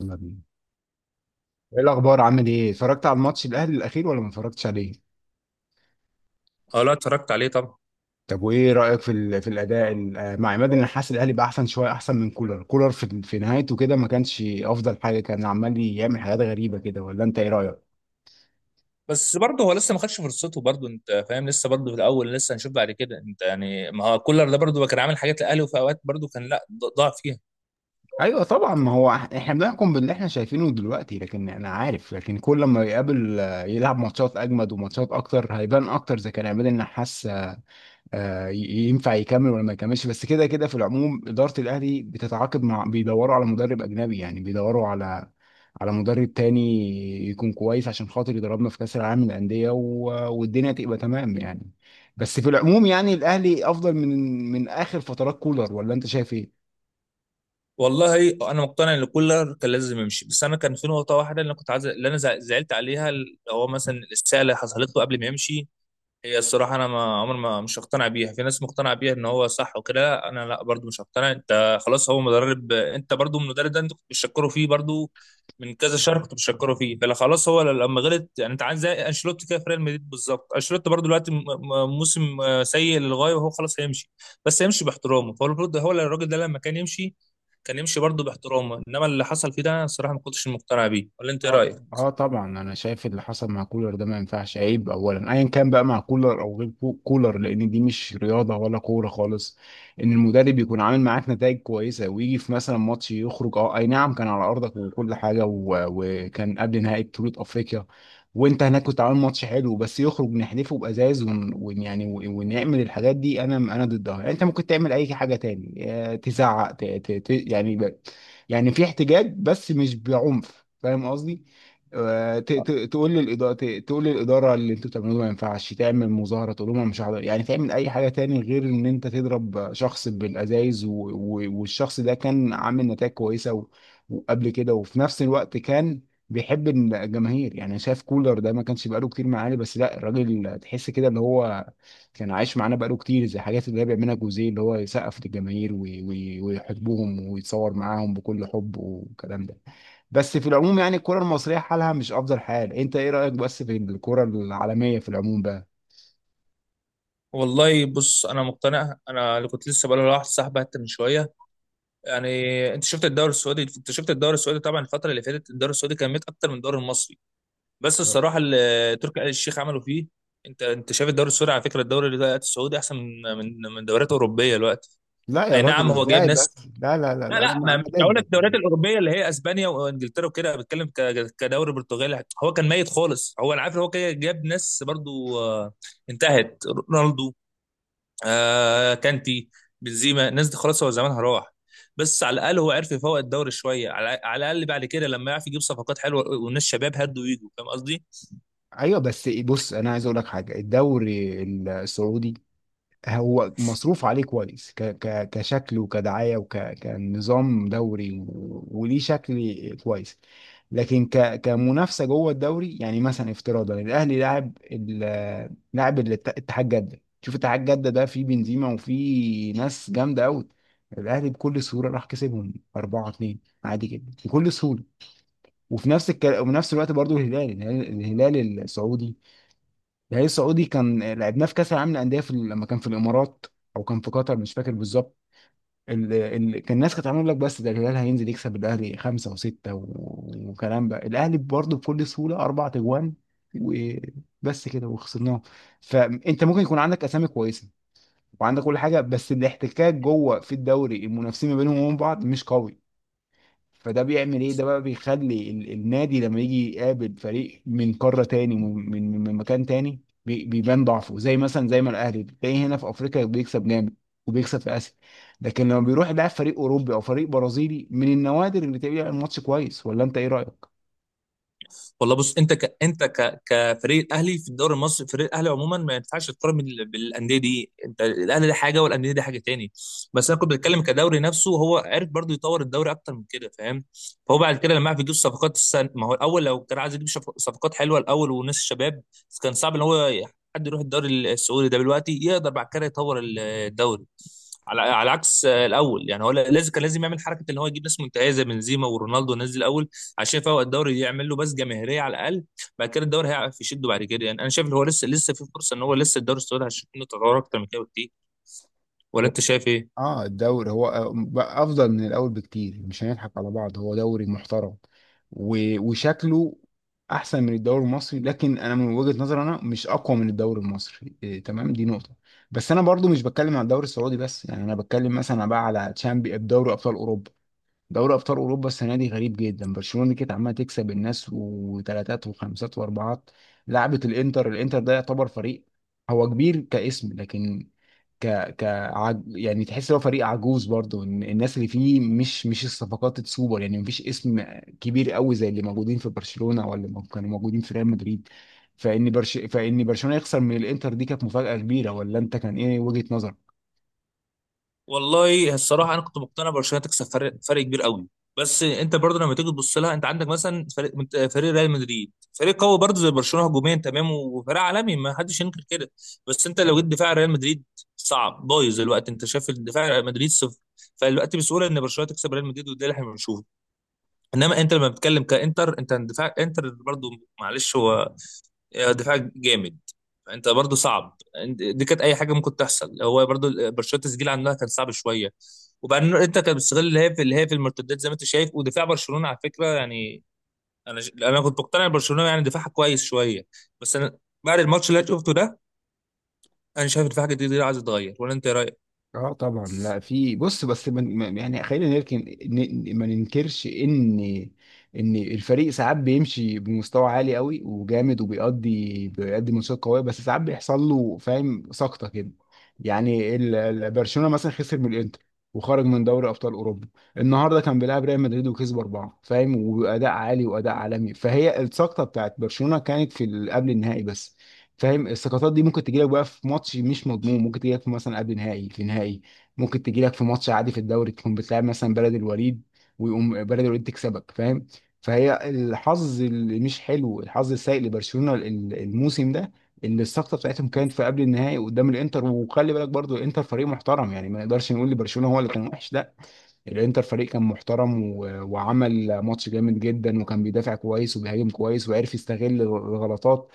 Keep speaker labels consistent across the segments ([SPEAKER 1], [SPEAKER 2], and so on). [SPEAKER 1] يلا بينا. ايه الاخبار، عامل ايه؟ اتفرجت على الماتش الاهلي الاخير ولا ما اتفرجتش عليه؟
[SPEAKER 2] اه، لا اتفرجت عليه طبعا.
[SPEAKER 1] طب وايه رايك في ال- في الاداء مع عماد؟ انا حاسس الاهلي بقى احسن شويه، احسن من كولر. كولر في نهايته كده ما كانش افضل حاجه، كان عمال يعمل حاجات غريبه كده، ولا انت ايه رايك؟
[SPEAKER 2] بس برضه هو لسه ما خدش فرصته، برضه انت فاهم، لسه برضه في الاول، لسه هنشوف بعد كده. انت يعني ما هو كولر ده برضه كان عامل حاجات للاهلي، وفي اوقات برضه كان لا ضاع فيها.
[SPEAKER 1] ايوه طبعا، ما هو احنا بنحكم باللي احنا شايفينه دلوقتي، لكن انا عارف لكن كل ما يقابل، يلعب ماتشات اجمد وماتشات اكتر هيبان اكتر اذا كان عماد النحاس آه، ي- ينفع يكمل ولا ما يكملش. بس كده كده في العموم إدارة الأهلي بتتعاقد مع، بيدوروا على مدرب أجنبي، يعني بيدوروا على على مدرب تاني يكون كويس عشان خاطر يدربنا في كأس العالم للأندية والدنيا تبقى تمام يعني. بس في العموم يعني الأهلي أفضل من من آخر فترات كولر، ولا أنت شايف إيه؟
[SPEAKER 2] والله انا مقتنع ان كولر كان لازم يمشي، بس انا كان في نقطه واحده، اللي انا زعلت عليها، اللي هو مثلا الساعه اللي حصلت له قبل ما يمشي. هي الصراحة أنا ما عمر ما مش هقتنع بيها، في ناس مقتنعة بيها إن هو صح وكده، أنا لا برضو مش هقتنع. أنت خلاص هو مدرب، أنت برضو المدرب ده أنت كنت بتشكره فيه برضو من كذا شهر، كنت بتشكره فيه، فلا خلاص هو لما غلط يعني. أنت عامل زي أنشيلوتي كده في ريال مدريد بالظبط، أنشيلوتي برضو دلوقتي موسم سيء للغاية، وهو خلاص هيمشي بس هيمشي باحترامه. فهو المفروض، هو الراجل ده لما كان يمشي كان يمشي برضو باحترامه، إنما اللي حصل فيه ده أنا الصراحة ما كنتش مقتنع بيه. ولا أنت إيه
[SPEAKER 1] اه
[SPEAKER 2] رأيك؟
[SPEAKER 1] اه طبعا، انا شايف اللي حصل مع كولر ده ما ينفعش، عيب. اولا ايا كان بقى، مع كولر او غير كولر، لان دي مش رياضه ولا كوره خالص. ان المدرب يكون عامل معاك نتائج كويسه، ويجي في مثلا ماتش يخرج، اه اي نعم كان على ارضك وكل حاجه، وكان قبل نهائي بطوله افريقيا وانت هناك، كنت عامل ماتش حلو بس يخرج، نحذفه بازاز ونعمل الحاجات دي، انا ضدها. يعني انت ممكن تعمل اي حاجه تاني، تزعق، ت... ت... ت... يعني يعني في احتجاج، بس مش بعنف، فاهم قصدي؟ آه، ت- ت- تقول للإدارة تقول للإدارة اللي انتوا بتعملوه ده ما ينفعش. تعمل مظاهرة، تقول لهم انا مش هحضر، يعني تعمل أي حاجة تاني غير إن أنت تضرب شخص بالأزايز. والشخص ده كان عامل نتائج كويسة وقبل كده، وفي نفس الوقت كان بيحب الجماهير. يعني شايف كولر ده ما كانش بقاله كتير معانا، بس لا، الراجل تحس كده اللي هو كان عايش معانا بقاله كتير، زي الحاجات اللي هي بيعملها جوزيه، اللي هو يسقف للجماهير ويحبهم ويتصور معاهم بكل حب والكلام ده. بس في العموم يعني الكرة المصرية حالها مش أفضل حال. أنت إيه رأيك بس في الكرة العالمية في العموم بقى؟
[SPEAKER 2] والله بص، انا مقتنع، انا اللي كنت لسه بقول لواحد صاحبي حتى من شويه يعني. انت شفت الدوري السعودي، انت شفت الدوري السعودي طبعا، الفتره اللي فاتت الدوري السعودي كان ميت اكتر من الدوري المصري. بس الصراحه اللي تركي آل الشيخ عملوا فيه، انت شايف الدوري السعودي، على فكره الدوري اللي السعودي احسن من دوريات اوروبيه دلوقتي.
[SPEAKER 1] لا يا
[SPEAKER 2] اي
[SPEAKER 1] راجل،
[SPEAKER 2] نعم هو جايب
[SPEAKER 1] ازاي
[SPEAKER 2] ناس.
[SPEAKER 1] بس؟ لا لا لا
[SPEAKER 2] لا
[SPEAKER 1] لا، انا
[SPEAKER 2] لا، ما مش هقول لك
[SPEAKER 1] ضدك.
[SPEAKER 2] الدوريات الاوروبيه اللي هي اسبانيا وانجلترا وكده، أنا بتكلم كدوري برتغالي. هو كان ميت خالص، هو انا عارف إن هو كده جاب ناس برضو انتهت: رونالدو، آه كانتي، بنزيما. الناس دي خلاص هو زمانها راح. بس على الاقل هو عرف يفوق الدوري شويه، على الاقل بعد كده لما يعرف يجيب صفقات حلوه والناس شباب هدوا ويجوا، فاهم قصدي.
[SPEAKER 1] أيوه بس بص، أنا عايز أقول لك حاجة. الدوري السعودي هو مصروف عليه كويس، ك ك كشكل وكدعاية وكنظام دوري، وليه شكل كويس. لكن كمنافسة جوه الدوري، يعني مثلا افتراضا الأهلي لاعب اتحاد جدة، شوف اتحاد جدة ده فيه بنزيما وفيه ناس جامدة أوي، الأهلي بكل سهولة راح كسبهم 4-2 عادي جدا، بكل سهولة. وفي نفس الوقت برضو الهلال. الهلال السعودي، كان لعبناه في كاس العالم للانديه في لما كان في الامارات او كان في قطر، مش فاكر بالظبط. كان الناس كانت عامله لك، بس ده الهلال هينزل يكسب الاهلي خمسه وسته وكلام بقى، الاهلي برضه بكل سهوله اربع تجوان وبس كده وخسرناه. فانت ممكن يكون عندك اسامي كويسه وعندك كل حاجه، بس الاحتكاك جوه في الدوري، المنافسين ما بينهم وبين بعض مش قوي. فده بيعمل ايه ده بقى؟ بيخلي النادي لما يجي يقابل فريق من قارة تاني، من من مكان تاني، بيبان ضعفه، زي مثلا زي ما الاهلي بتلاقيه هنا في افريقيا بيكسب جامد وبيكسب في اسيا، لكن لما بيروح يلعب فريق اوروبي او فريق برازيلي، من النوادر اللي تلاقيه بيلعب ماتش كويس. ولا انت ايه رايك؟
[SPEAKER 2] والله بص، كفريق الاهلي في الدوري المصري، فريق الاهلي عموما ما ينفعش تقارن بالانديه دي. انت الاهلي ده حاجه والانديه دي حاجه تاني. بس انا كنت بتكلم كدوري نفسه، هو عرف برضو يطور الدوري اكتر من كده، فاهم. فهو بعد كده لما عرف يجيب صفقات، ما هو الاول لو كان عايز يجيب صفقات حلوه الاول وناس الشباب، كان صعب ان هو حد يروح الدوري السعودي ده دلوقتي يقدر بعد كده يطور الدوري، على عكس الاول. يعني هو لازم، كان لازم يعمل حركه ان هو يجيب ناس منتهيه زي بنزيما ورونالدو والناس دي الاول، عشان فهو الدوري يعمل له بس جماهيريه على الاقل. بعد كده الدوري هيعرف يشده بعد كده يعني. انا شايف ان هو لسه لسه في فرصه ان هو لسه، الدوري السعودي هيشوف منه تطور اكتر من كده بكتير، ولا انت شايف ايه؟
[SPEAKER 1] اه الدوري هو بقى افضل من الاول بكتير، مش هنضحك على بعض هو دوري محترم، وشكله احسن من الدوري المصري. لكن انا من وجهة نظري انا مش اقوى من الدوري المصري، إيه، تمام، دي نقطة. بس انا برضو مش بتكلم على الدوري السعودي بس، يعني انا بتكلم مثلا بقى على تشامبي، دوري ابطال اوروبا. دوري ابطال اوروبا السنه دي غريب جدا. برشلونه كانت عماله تكسب الناس وثلاثات وخمسات واربعات، لعبت الانتر. الانتر ده يعتبر فريق هو كبير كاسم، لكن ك يعني تحس هو فريق عجوز برضه، إن الناس اللي فيه مش الصفقات السوبر، يعني مفيش اسم كبير قوي زي اللي موجودين في برشلونه ولا اللي كانوا موجودين في ريال مدريد. فان برشلونه يخسر من الانتر، دي كانت مفاجاه كبيره. ولا انت كان ايه وجهه نظرك؟
[SPEAKER 2] والله الصراحه انا كنت مقتنع برشلونه تكسب، فرق كبير قوي. بس انت برضه لما تيجي تبص لها، انت عندك مثلا فريق ريال مدريد، فريق قوي برضه زي برشلونه هجوميا تمام، وفريق عالمي ما حدش ينكر كده. بس انت لو جيت دفاع ريال مدريد صعب، بايظ الوقت، انت شايف الدفاع ريال مدريد صفر. فالوقت بسهوله ان برشلونه تكسب ريال مدريد، وده اللي احنا بنشوفه. انما انت لما بتتكلم كانتر، انت دفاع انتر برضو معلش، هو دفاع جامد، انت برضو صعب. دي كانت اي حاجه ممكن تحصل، هو برضو برشلونه التسجيل عندها كان صعب شويه. وبعدين انت كان بتستغل اللي هي في المرتدات زي ما انت شايف. ودفاع برشلونه على فكره يعني، انا كنت مقتنع إن برشلونه يعني دفاعها كويس شويه. بس انا بعد الماتش اللي أنا شفته ده، انا شايف دفاع جديد ده عايز يتغير، ولا انت إيه رايك؟
[SPEAKER 1] اه طبعا. لا في بص بس يعني خلينا نركن، ما ننكرش ان ان الفريق ساعات بيمشي بمستوى عالي قوي وجامد، وبيقضي بيقدم ماتشات قويه، بس ساعات بيحصل له، فاهم، سقطه كده. يعني برشلونه مثلا خسر من الانتر وخرج من دوري ابطال اوروبا، النهارده كان بيلعب ريال مدريد وكسب اربعه، فاهم، واداء عالي واداء عالمي. فهي السقطه بتاعت برشلونه كانت في قبل النهائي بس، فاهم. السقطات دي ممكن تجيلك بقى في ماتش مش مضمون، ممكن تجيلك في مثلا قبل نهائي، في نهائي، ممكن تجيلك في ماتش عادي في الدوري، تكون بتلعب مثلا بلد الوليد ويقوم بلد الوليد تكسبك، فاهم. فهي الحظ اللي مش حلو، الحظ السيء لبرشلونة الموسم ده، اللي السقطه بتاعتهم كانت في قبل النهائي قدام الانتر. وخلي بالك برضو الانتر فريق محترم، يعني ما نقدرش نقول لبرشلونة هو اللي كان وحش، لا. الانتر فريق كان محترم وعمل ماتش جامد جدا، وكان بيدافع كويس وبيهاجم كويس وعرف يستغل الغلطات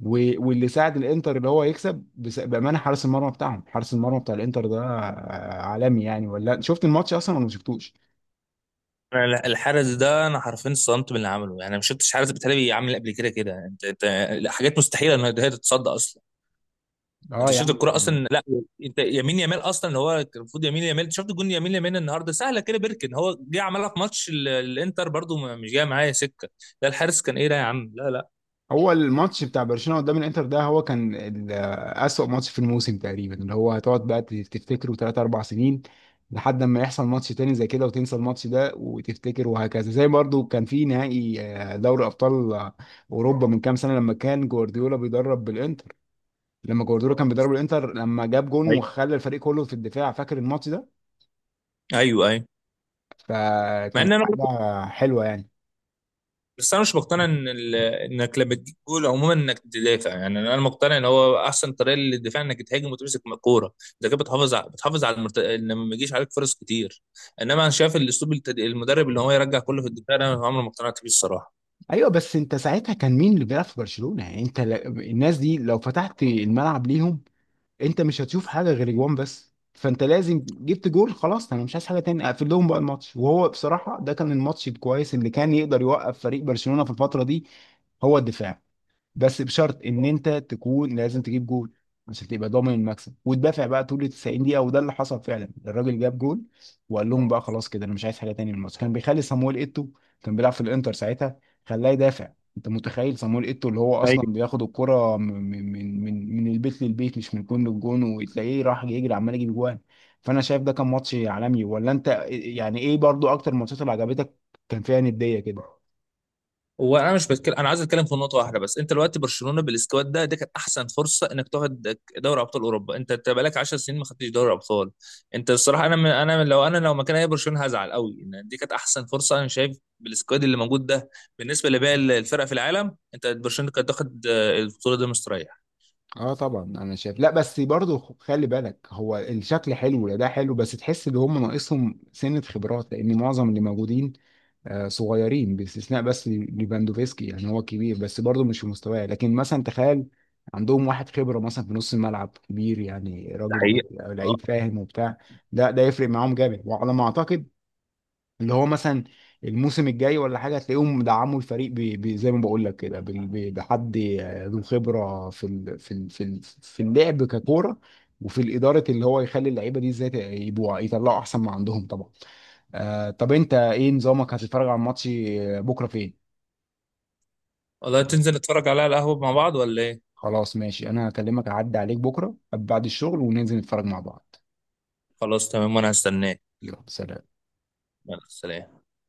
[SPEAKER 1] و... واللي ساعد الانتر اللي هو يكسب بامانه، حارس المرمى بتاعهم، حارس المرمى بتاع الانتر ده عالمي يعني. ولا شفت الماتش اصلا ولا ما شفتوش؟
[SPEAKER 2] انا لا- الحارس ده انا حرفيا اتصدمت من اللي عمله. يعني ما شفتش حارس بتهيألي عامل قبل كده كده، انت حاجات مستحيله ان هي تتصدى اصلا.
[SPEAKER 1] اه
[SPEAKER 2] انت شفت
[SPEAKER 1] يعني.
[SPEAKER 2] الكرة اصلا؟ لا. انت يمين يامال اصلا، اللي هو المفروض يمين يامال، انت شفت جون يمين يامال النهارده سهله كده بيركن، هو جه عملها في ماتش الانتر برضو مش جايه معايا سكه. لا الحارس، كان ايه ده يا عم، لا لا.
[SPEAKER 1] هو الماتش بتاع برشلونة قدام الانتر ده هو كان أسوأ ماتش في الموسم تقريبا، اللي هو هتقعد بقى تفتكره 3 4 سنين لحد ما يحصل ماتش تاني زي كده وتنسى الماتش ده وتفتكر، وهكذا. زي برضو كان في نهائي دوري أبطال أوروبا من كام سنة، لما كان جوارديولا بيدرب بالانتر، لما جوارديولا كان بيدرب الانتر، لما جاب جون
[SPEAKER 2] ايوه،
[SPEAKER 1] وخلى الفريق كله في الدفاع، فاكر الماتش ده؟
[SPEAKER 2] ايوه، ايوه. مع ان
[SPEAKER 1] فكانت
[SPEAKER 2] انا برضو-
[SPEAKER 1] حاجة حلوة يعني.
[SPEAKER 2] بس انا مش مقتنع ان انك لما تجيب جول عموما انك تدافع. يعني انا مقتنع ان هو احسن طريقه للدفاع انك تهاجم وتمسك الكوره. انت كده بتحافظ على ان ما يجيش عليك فرص كتير. انما انا شايف الاسلوب، المدرب اللي هو يرجع كله في الدفاع ده، انا عمري ما اقتنعت بيه الصراحه.
[SPEAKER 1] ايوه بس انت ساعتها كان مين اللي بيلعب في برشلونة؟ يعني الناس دي لو فتحت الملعب ليهم انت مش هتشوف حاجه غير جوان. بس فانت لازم جبت جول، خلاص انا مش عايز حاجه تاني، اقفل لهم بقى الماتش. وهو بصراحه ده كان الماتش الكويس اللي كان يقدر يوقف فريق برشلونه في الفتره دي، هو الدفاع، بس بشرط ان انت تكون لازم تجيب جول عشان تبقى ضامن المكسب وتدافع بقى طول ال 90 دقيقه. وده اللي حصل فعلا، الراجل جاب جول وقال لهم بقى خلاص كده، انا مش عايز حاجه تاني من الماتش. كان بيخلي صامويل ايتو، كان بيلعب في الانتر ساعتها، خلاه يدافع. انت متخيل صامويل ايتو اللي هو اصلا بياخد الكره من من البيت للبيت، مش من جون للجون، وتلاقيه راح يجري عمال يجيب جوان. فانا شايف ده كان ماتش عالمي. ولا انت يعني ايه برضو اكتر الماتشات اللي عجبتك كان فيها نديه كده؟
[SPEAKER 2] هو انا مش بتكلم، انا عايز اتكلم في نقطه واحده بس. انت دلوقتي برشلونه بالسكواد ده، دي كانت احسن فرصه انك تاخد دوري ابطال اوروبا. أنت بقالك 10 سنين ما خدتش دوري ابطال. انت الصراحه، انا من انا من لو انا لو مكان اي برشلونه هزعل قوي ان دي كانت احسن فرصه، انا شايف بالسكواد اللي موجود ده بالنسبه لباقي الفرق في العالم. انت برشلونه كانت تاخد البطوله دي مستريح.
[SPEAKER 1] اه طبعا انا شايف، لا بس برضه خلي بالك، هو الشكل حلو، لا ده حلو، بس تحس ان هم ناقصهم سنة خبرات، لان معظم اللي موجودين صغيرين باستثناء بس ليفاندوفسكي يعني هو كبير بس برضه مش في مستواه. لكن مثلا تخيل عندهم واحد خبرة مثلا في نص الملعب كبير، يعني
[SPEAKER 2] ده
[SPEAKER 1] راجل
[SPEAKER 2] حقيقي. اه.
[SPEAKER 1] لعيب، فاهم، وبتاع، ده ده يفرق معاهم جامد. وعلى ما اعتقد اللي هو مثلا الموسم الجاي ولا حاجه هتلاقيهم دعموا الفريق زي ما بقول لك كده بحد ذو خبره في اللعب ككوره، وفي الاداره، اللي هو يخلي اللعيبه دي ازاي يبقوا يطلعوا احسن ما عندهم طبعا. آه طب انت ايه نظامك، هتتفرج على الماتش بكره فين؟
[SPEAKER 2] والله تنزل نتفرج عليها على القهوه مع بعض ولا ايه؟
[SPEAKER 1] خلاص ماشي، انا هكلمك اعدي عليك بكره بعد الشغل وننزل نتفرج مع بعض.
[SPEAKER 2] خلاص تمام وانا هستناك.
[SPEAKER 1] يلا سلام.
[SPEAKER 2] يلا سلام.